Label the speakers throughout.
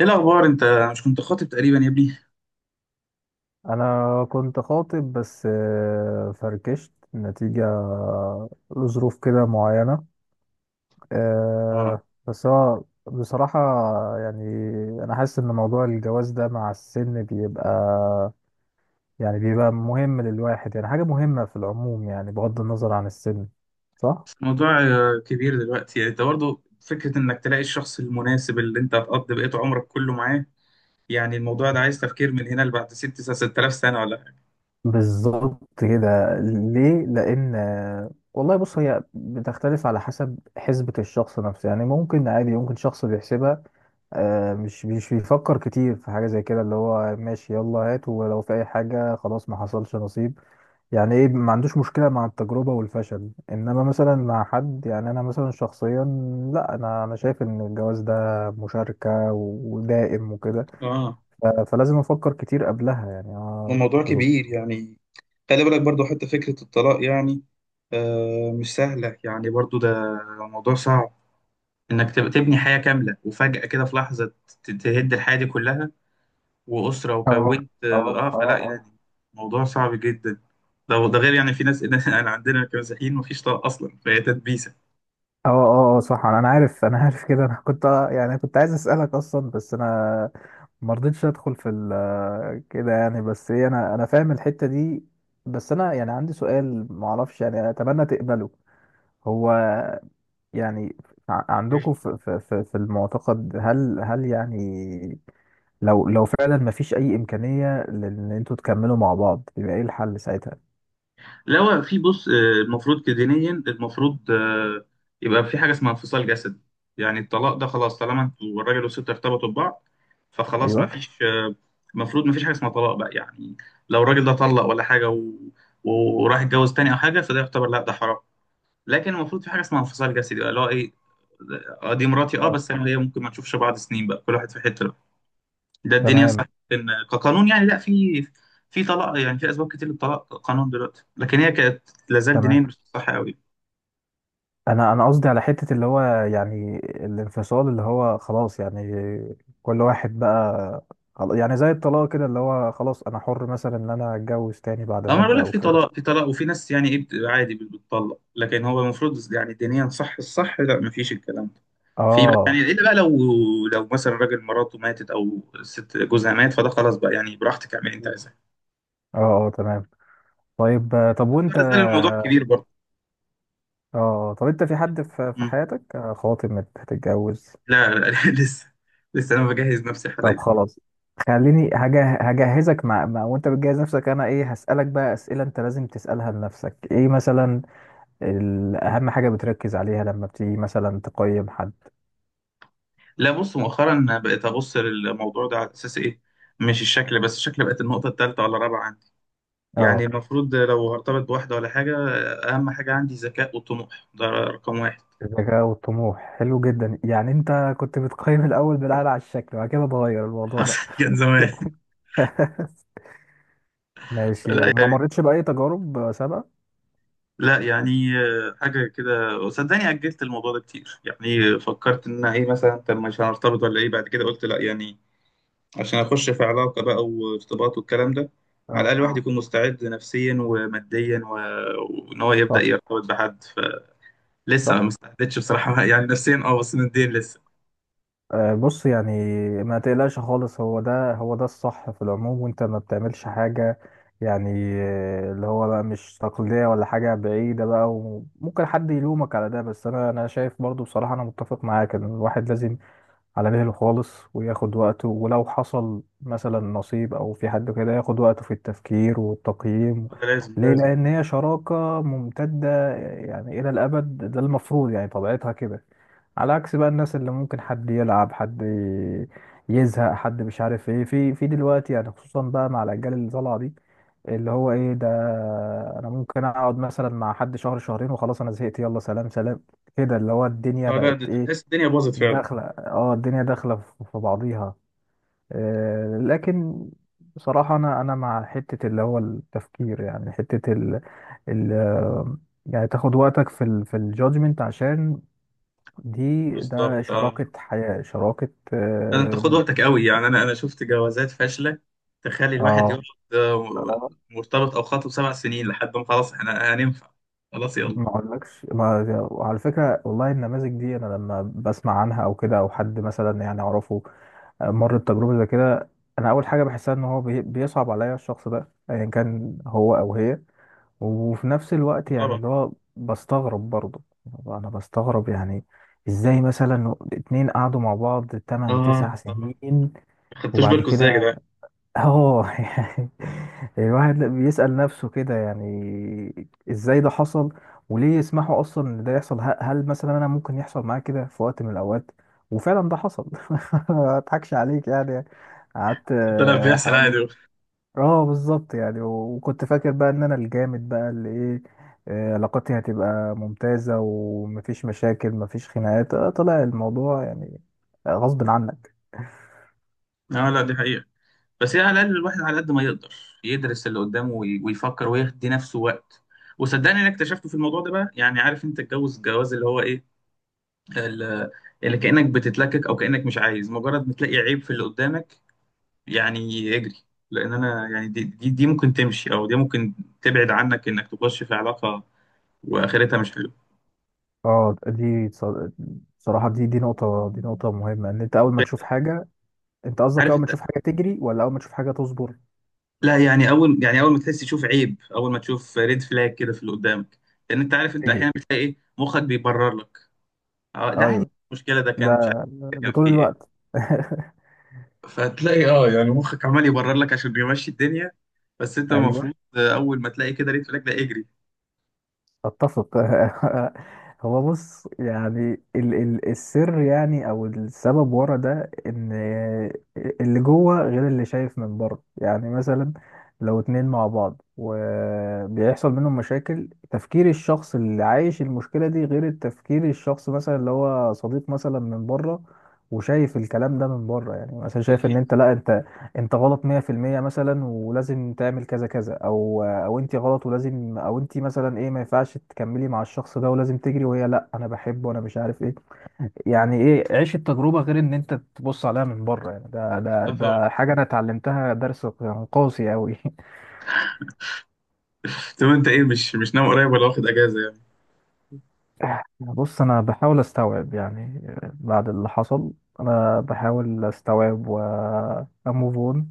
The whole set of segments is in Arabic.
Speaker 1: ايه الاخبار انت؟ مش كنت خاطب تقريبا يا ابني؟
Speaker 2: انا كنت خاطب بس فركشت نتيجة لظروف كده معينة
Speaker 1: اه،
Speaker 2: آه، بس هو بصراحة، يعني انا حاسس ان موضوع الجواز ده مع السن بيبقى، يعني بيبقى مهم للواحد، يعني حاجة مهمة في العموم، يعني بغض النظر عن السن، صح؟
Speaker 1: بس الموضوع كبير دلوقتي، يعني انت برضه فكره انك تلاقي الشخص المناسب اللي انت هتقضي بقيت عمرك كله معاه. يعني الموضوع ده عايز تفكير من هنا لبعد 6000 سنه ولا حاجه.
Speaker 2: بالظبط كده. ليه؟ لان والله بص، هي بتختلف على حسب حسبة الشخص نفسه، يعني ممكن عادي، ممكن شخص بيحسبها مش بيفكر كتير في حاجة زي كده، اللي هو ماشي يلا هات، ولو في أي حاجة خلاص ما حصلش نصيب. يعني إيه، ما عندوش مشكلة مع التجربة والفشل، إنما مثلا مع حد، يعني أنا مثلا شخصيا، لا أنا شايف إن الجواز ده مشاركة ودائم وكده،
Speaker 1: اه
Speaker 2: ف- فلازم أفكر كتير قبلها، يعني
Speaker 1: الموضوع
Speaker 2: اه،
Speaker 1: كبير يعني. خلي بالك برضه حتى فكره الطلاق، يعني آه مش سهله، يعني برضه ده موضوع صعب، انك تبني حياه كامله وفجاه كده في لحظه تهد الحياه دي كلها وأسرة
Speaker 2: اه،
Speaker 1: وكونت
Speaker 2: اه،
Speaker 1: اه فلا
Speaker 2: اه،
Speaker 1: يعني. موضوع صعب جدا. ده ده غير يعني في ناس انا عندنا كمسيحيين مفيش طلاق اصلا، فهي تدبيسه.
Speaker 2: اه، اه، اه، صح، انا عارف، انا عارف كده. انا كنت، يعني كنت عايز اسالك اصلا، بس انا ما رضيتش ادخل في كده، يعني. بس ايه، انا فاهم الحتة دي. بس انا، يعني عندي سؤال ما اعرفش، يعني اتمنى تقبله. هو، يعني
Speaker 1: مم.
Speaker 2: عندكم في المعتقد، هل يعني، لو فعلا ما فيش اي امكانية لان انتوا تكملوا مع بعض، يبقى ايه الحل ساعتها؟
Speaker 1: لا هو في، بص، المفروض كدينيا المفروض يبقى في حاجه اسمها انفصال جسدي. يعني الطلاق ده خلاص، طالما انتوا الراجل والست ارتبطوا ببعض فخلاص
Speaker 2: ايوه،
Speaker 1: مفيش المفروض مفيش حاجه اسمها طلاق بقى يعني. لو الراجل ده طلق ولا حاجه و... وراح يتجوز تاني او حاجه فده يعتبر لا، ده حرام. لكن المفروض في حاجه اسمها انفصال جسدي بقى، اللي هو ايه، دي مراتي اه
Speaker 2: اه،
Speaker 1: بس انا ليا، ممكن ما نشوفش بعض سنين بقى، كل واحد في حته بقى. ده الدنيا صح.
Speaker 2: تمام،
Speaker 1: ان كقانون يعني لا، في في طلاق، يعني في اسباب كتير للطلاق قانون دلوقتي، لكن هي كانت لازال دينيا
Speaker 2: تمام.
Speaker 1: مش صح قوي.
Speaker 2: انا قصدي على حتة اللي هو، يعني الانفصال، اللي هو خلاص يعني كل واحد بقى، يعني زي الطلاق كده، اللي هو خلاص انا حر مثلا ان انا اتجوز تاني بعد
Speaker 1: اما انا بقول
Speaker 2: مدة
Speaker 1: لك
Speaker 2: او
Speaker 1: في
Speaker 2: كده.
Speaker 1: طلاق، في طلاق وفي ناس يعني ايه عادي بتطلق، لكن هو المفروض يعني دينيا صح، الصح لا، ما فيش الكلام ده. في بقى يعني،
Speaker 2: اه،
Speaker 1: الا بقى لو لو مثلا راجل مراته ماتت او ست جوزها مات، فده خلاص بقى يعني، براحتك اعملي انت
Speaker 2: مم.
Speaker 1: عايزاه.
Speaker 2: اه، اه، تمام. طيب، طب
Speaker 1: بس
Speaker 2: وانت
Speaker 1: لا زال الموضوع
Speaker 2: اه
Speaker 1: كبير برضه.
Speaker 2: آه، طب انت في حد في حياتك، خاطب، هتتجوز؟
Speaker 1: لا لا لسه، لسه انا بجهز نفسي
Speaker 2: طب
Speaker 1: حاليا.
Speaker 2: خلاص. خليني هجهزك مع، وانت بتجهز نفسك، انا ايه هسألك بقى، اسئلة انت لازم تسألها لنفسك. ايه مثلا اهم حاجه بتركز عليها لما بتيجي مثلا تقيم حد؟
Speaker 1: لا بص، مؤخرا بقيت ابص للموضوع ده على اساس ايه، مش الشكل، بس الشكل بقت النقطه الثالثه ولا الرابعه عندي. يعني
Speaker 2: اه،
Speaker 1: المفروض لو هرتبط بواحده ولا حاجه، اهم حاجه عندي ذكاء وطموح، ده رقم واحد.
Speaker 2: الذكاء والطموح حلو جدا يعني. انت كنت بتقيم الاول بناء على الشكل وبعد كده اتغير الموضوع ده؟
Speaker 1: حصل كان زمان.
Speaker 2: ماشي،
Speaker 1: لا
Speaker 2: وما
Speaker 1: يعني
Speaker 2: مرتش باي تجارب سابقه؟
Speaker 1: لا يعني آه، حاجه كده، صدقني اجلت الموضوع ده كتير، يعني فكرت ان أنا ايه مثلا، طب مش هنرتبط ولا ايه، بعد كده قلت لا يعني، عشان اخش في علاقه بقى وارتباط والكلام ده، على
Speaker 2: اه،
Speaker 1: الاقل الواحد يكون مستعد نفسيا وماديا و... وان هو يبدا
Speaker 2: صح،
Speaker 1: يرتبط بحد. فلسه
Speaker 2: صح.
Speaker 1: ما استعدتش بصراحه يعني نفسيا اه، بس ماديا لسه.
Speaker 2: بص يعني، ما تقلقش خالص، هو ده هو ده الصح في العموم، وانت ما بتعملش حاجه يعني، اللي هو بقى مش تقليديه ولا حاجه بعيده بقى، وممكن حد يلومك على ده. بس انا شايف برضو بصراحه انا متفق معاك ان الواحد لازم على مهله خالص وياخد وقته، ولو حصل مثلا نصيب او في حد كده ياخد وقته في التفكير والتقييم.
Speaker 1: ده لازم
Speaker 2: ليه؟
Speaker 1: لازم.
Speaker 2: لان هي شراكة ممتدة، يعني الى الابد، ده المفروض يعني طبيعتها كده، على عكس بقى الناس اللي ممكن حد يلعب حد يزهق حد، مش عارف ايه في دلوقتي، يعني خصوصا بقى مع الاجيال اللي طالعه دي، اللي هو ايه ده، انا ممكن اقعد مثلا مع حد شهر شهرين وخلاص انا زهقت، يلا سلام سلام. كده اللي هو الدنيا
Speaker 1: اه لا
Speaker 2: بقت
Speaker 1: ده
Speaker 2: ايه،
Speaker 1: تحس الدنيا باظت فعلا.
Speaker 2: داخلة، اه، الدنيا داخلة في بعضيها. لكن بصراحة، أنا مع حتة اللي هو التفكير، يعني حتة ال ال يعني تاخد وقتك في ال في الجادجمنت عشان دي
Speaker 1: بالظبط
Speaker 2: ده
Speaker 1: اه.
Speaker 2: شراكة حياة، شراكة.
Speaker 1: ده انت خد
Speaker 2: اه،
Speaker 1: وقتك قوي يعني، انا شفت جوازات فاشله تخلي الواحد
Speaker 2: اه.
Speaker 1: يقعد آه،
Speaker 2: آه،
Speaker 1: مرتبط او خاطب سبع سنين لحد ما خلاص احنا هننفع، خلاص يلا.
Speaker 2: ما اقولكش ما. وعلى فكرة والله، النماذج دي أنا لما بسمع عنها أو كده، أو حد مثلا يعني أعرفه مر بتجربة زي كده، أنا أول حاجة بحسها إن هو بيصعب عليا الشخص ده، أيا كان هو أو هي، وفي نفس الوقت يعني،
Speaker 1: طبعا.
Speaker 2: اللي هو بستغرب برضه، أنا بستغرب يعني إزاي مثلا اتنين قعدوا مع بعض تمن تسع
Speaker 1: اه طبعا،
Speaker 2: سنين
Speaker 1: ما خدتوش
Speaker 2: وبعد
Speaker 1: بالكم ازاي يا
Speaker 2: كده،
Speaker 1: جدعان؟
Speaker 2: اه يعني الواحد لا بيسأل نفسه كده، يعني ازاي ده حصل، وليه يسمحوا اصلا ان ده يحصل؟ هل مثلا انا ممكن يحصل معايا كده في وقت من الاوقات؟ وفعلا ده حصل. ما اضحكش عليك يعني. يعني قعدت
Speaker 1: طلع بيحصل
Speaker 2: حوالي،
Speaker 1: عادي.
Speaker 2: اه بالظبط. يعني وكنت فاكر بقى ان انا الجامد بقى اللي ايه، علاقاتي هتبقى ممتازة، ومفيش مشاكل، مفيش خناقات، طلع الموضوع يعني غصب عنك.
Speaker 1: اه لا دي حقيقة. بس هي على الاقل الواحد على قد ما يقدر يدرس اللي قدامه ويفكر ويدي نفسه وقت. وصدقني انا اكتشفته في الموضوع ده بقى، يعني عارف انت الجوز الجواز اللي هو ايه، ال- اللي كانك بتتلكك او كانك مش عايز، مجرد ما تلاقي عيب في اللي قدامك يعني اجري. لان انا يعني دي دي ممكن تمشي، او دي ممكن تبعد عنك انك تخش في علاقه واخرتها مش حلوه.
Speaker 2: اه، دي صراحة، دي نقطة، نقطة مهمة، ان انت اول ما تشوف حاجة. انت قصدك
Speaker 1: عارف
Speaker 2: اول ما
Speaker 1: انت،
Speaker 2: تشوف حاجة تجري ولا اول ما تشوف حاجة تصبر؟
Speaker 1: لا يعني اول يعني اول ما تحس تشوف عيب، اول ما تشوف ريد فلاج كده في اللي قدامك، لان انت عارف، انت
Speaker 2: تجري،
Speaker 1: احيانا بتلاقي ايه مخك بيبرر لك. اه ده عادي.
Speaker 2: ايوه،
Speaker 1: المشكله ده
Speaker 2: ده
Speaker 1: كان مش عارف ده
Speaker 2: ده
Speaker 1: كان
Speaker 2: طول
Speaker 1: فيه ايه.
Speaker 2: الوقت.
Speaker 1: فهتلاقي اه يعني مخك عمال يبرر لك عشان يمشي الدنيا. بس انت
Speaker 2: ايوه،
Speaker 1: المفروض اول ما تلاقي كده ريت فلاج ده اجري.
Speaker 2: اتفق. هو بص، يعني ال ال السر، يعني او السبب ورا ده، ان اللي جوه غير اللي شايف من بره. يعني مثلا لو اتنين مع بعض وبيحصل منهم مشاكل، تفكير الشخص اللي عايش المشكلة دي غير التفكير الشخص مثلا اللي هو صديق مثلا من بره، وشايف الكلام ده من بره، يعني مثلا شايف ان
Speaker 1: اكيد.
Speaker 2: انت، لا انت، انت غلط 100%، مثلا ولازم تعمل كذا كذا، او او انت غلط ولازم، او انت مثلا ايه، ما ينفعش تكملي مع الشخص ده ولازم تجري. وهي لا، انا بحبه وانا مش عارف ايه. يعني ايه عيش التجربة غير ان انت تبص عليها من بره؟ يعني ده ده
Speaker 1: اه طبعا.
Speaker 2: ده حاجة انا اتعلمتها، درس قاسي قوي.
Speaker 1: طب انت ايه، مش ناوي قريب ولا واخد اجازه يعني؟
Speaker 2: بص، انا بحاول استوعب يعني بعد اللي حصل. انا بحاول استوعب واموف اون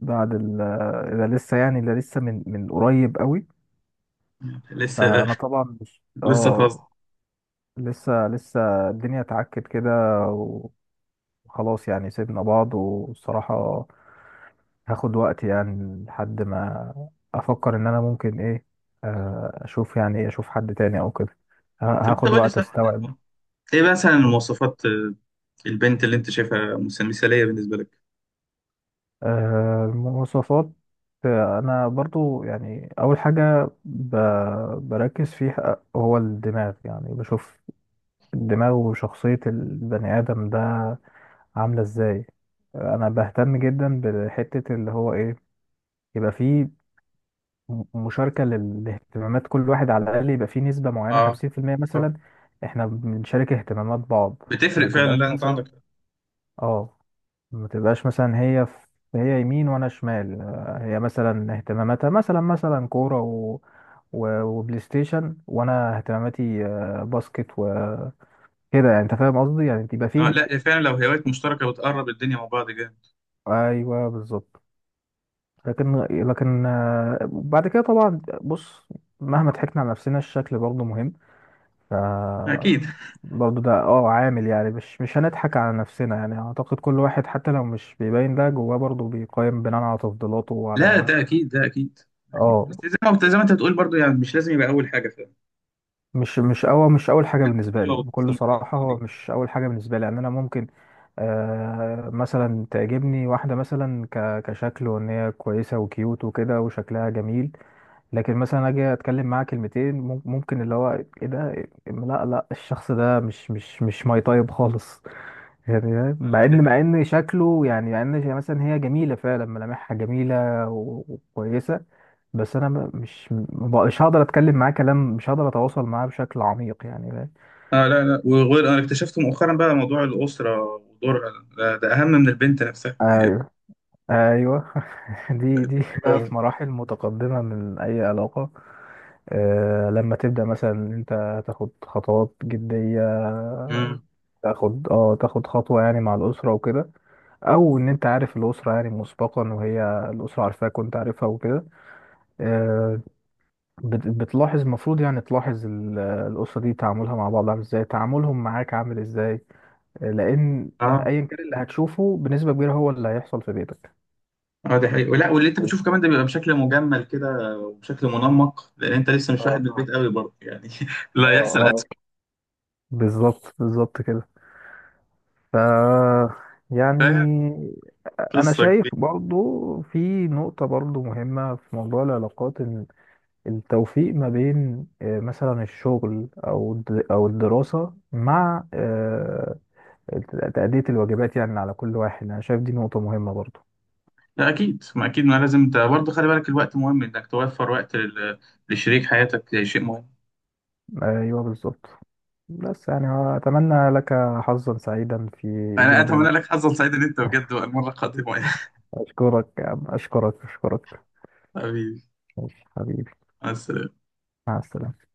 Speaker 2: بعد ده. لسه يعني، ده لسه من قريب قوي،
Speaker 1: لسه،
Speaker 2: فانا طبعا مش،
Speaker 1: لسه فاضي.
Speaker 2: اه، لسه، لسه. الدنيا اتعكت كده، وخلاص يعني سيبنا بعض. والصراحة هاخد وقت يعني لحد ما افكر ان انا ممكن ايه، اشوف، يعني ايه، اشوف حد تاني او كده.
Speaker 1: طب انت
Speaker 2: هاخد
Speaker 1: قول لي
Speaker 2: وقت
Speaker 1: صح،
Speaker 2: استوعب.
Speaker 1: ايه مثلا مواصفات البنت اللي انت شايفها مثاليه بالنسبه لك؟
Speaker 2: المواصفات. انا برضو يعني اول حاجة بركز فيها هو الدماغ، يعني بشوف الدماغ وشخصية البني ادم ده عاملة ازاي. انا بهتم جدا بحتة اللي هو ايه، يبقى فيه مشاركة لاهتمامات، كل واحد على الاقل يبقى فيه نسبة معينة
Speaker 1: اه.
Speaker 2: 50%
Speaker 1: آه.
Speaker 2: مثلا، احنا بنشارك اهتمامات بعض. ما
Speaker 1: بتفرق فعلا،
Speaker 2: تبقاش
Speaker 1: لا انت
Speaker 2: مثلا،
Speaker 1: عندك.
Speaker 2: اه، ما تبقاش مثلا هي في، هي يمين وانا شمال. هي مثلا اهتماماتها مثلا مثلا كورة و... و... وبلاي ستيشن، وانا اهتماماتي باسكت وكده. يعني انت فاهم قصدي يعني، تبقى
Speaker 1: اه
Speaker 2: فيه.
Speaker 1: لا فعلا، لو هوايات مشتركه بتقرب الدنيا مع بعض جامد.
Speaker 2: ايوه، بالظبط. لكن بعد كده طبعا بص، مهما ضحكنا على نفسنا الشكل برضه مهم. ف،
Speaker 1: اكيد.
Speaker 2: برضه ده اه عامل يعني، مش هنضحك على نفسنا، يعني اعتقد كل واحد حتى لو مش بيبين ده جواه برضه بيقيم بناء على تفضيلاته
Speaker 1: لا
Speaker 2: وعلى.
Speaker 1: ده اكيد ده اكيد. اكيد، بس
Speaker 2: اه،
Speaker 1: زي ما انت بتقول برضو، يعني مش لازم يبقى اول حاجه، فاهم.
Speaker 2: مش اول حاجه بالنسبه لي
Speaker 1: حلوه وبتبص
Speaker 2: بكل
Speaker 1: لمصلحه
Speaker 2: صراحه،
Speaker 1: فاضي
Speaker 2: هو
Speaker 1: كده.
Speaker 2: مش اول حاجه بالنسبه لي، يعني انا ممكن مثلا تعجبني واحده مثلا كشكل، وان هي كويسه وكيوت وكده وشكلها جميل، لكن مثلا اجي اتكلم معاه كلمتين، ممكن اللي هو ايه ده، لا لا، الشخص ده مش ماي طيب خالص. يعني
Speaker 1: لا
Speaker 2: مع
Speaker 1: لا، دي
Speaker 2: ان مع
Speaker 1: حقيقة.
Speaker 2: ان شكله، يعني مثلا هي جميله فعلا، ملامحها جميله وكويسه، بس انا مش هقدر اتكلم معاه كلام، مش هقدر اتواصل معاه بشكل عميق، يعني فاهم؟
Speaker 1: اه لا لا، وغير، انا اكتشفت مؤخرا بقى موضوع الاسره ودورها ده اهم من البنت نفسها.
Speaker 2: ايوه، ايوه. دي
Speaker 1: ده
Speaker 2: دي بقى
Speaker 1: حاجه.
Speaker 2: في مراحل متقدمه من اي علاقه، لما تبدأ مثلا إن انت تاخد خطوات جدية،
Speaker 1: امم.
Speaker 2: تاخد خطوة يعني مع الأسرة وكده، أو إن أنت عارف الأسرة يعني مسبقا، وهي الأسرة عارفاك وأنت عارفها وكده. آه، بتلاحظ، المفروض يعني تلاحظ الأسرة دي تعاملها مع بعض عامل إزاي، تعاملهم معاك عامل إزاي. لأن
Speaker 1: اه
Speaker 2: أيا كان اللي هتشوفه بنسبة كبيرة هو اللي هيحصل في بيتك.
Speaker 1: اه دي حقيقة. لا واللي انت بتشوفه كمان ده بيبقى بشكل مجمل كده وبشكل منمق، لان انت لسه مش واحد
Speaker 2: اه،
Speaker 1: من البيت قوي برضه يعني لا
Speaker 2: اه،
Speaker 1: يحصل اسوء.
Speaker 2: اه، بالظبط، بالظبط كده. ف
Speaker 1: فاهم،
Speaker 2: يعني، انا
Speaker 1: قصه كبيره.
Speaker 2: شايف برضو في نقطة برضو مهمة في موضوع العلاقات، ان التوفيق ما بين مثلا الشغل او او الدراسة مع تأدية الواجبات يعني على كل واحد. انا شايف دي نقطة مهمة برضو.
Speaker 1: لا اكيد، ما اكيد ما لازم. انت برضه خلي بالك الوقت مهم، انك توفر وقت لشريك حياتك شيء مهم.
Speaker 2: ايوه، بالظبط. بس يعني، اتمنى لك حظا سعيدا في
Speaker 1: انا
Speaker 2: ايجاد
Speaker 1: اتمنى لك حظا سعيدا انت بجد، والمره القادمه يا
Speaker 2: اشكرك يا عم، اشكرك، اشكرك.
Speaker 1: حبيبي.
Speaker 2: ماشي حبيبي،
Speaker 1: مع السلامة.
Speaker 2: مع السلامة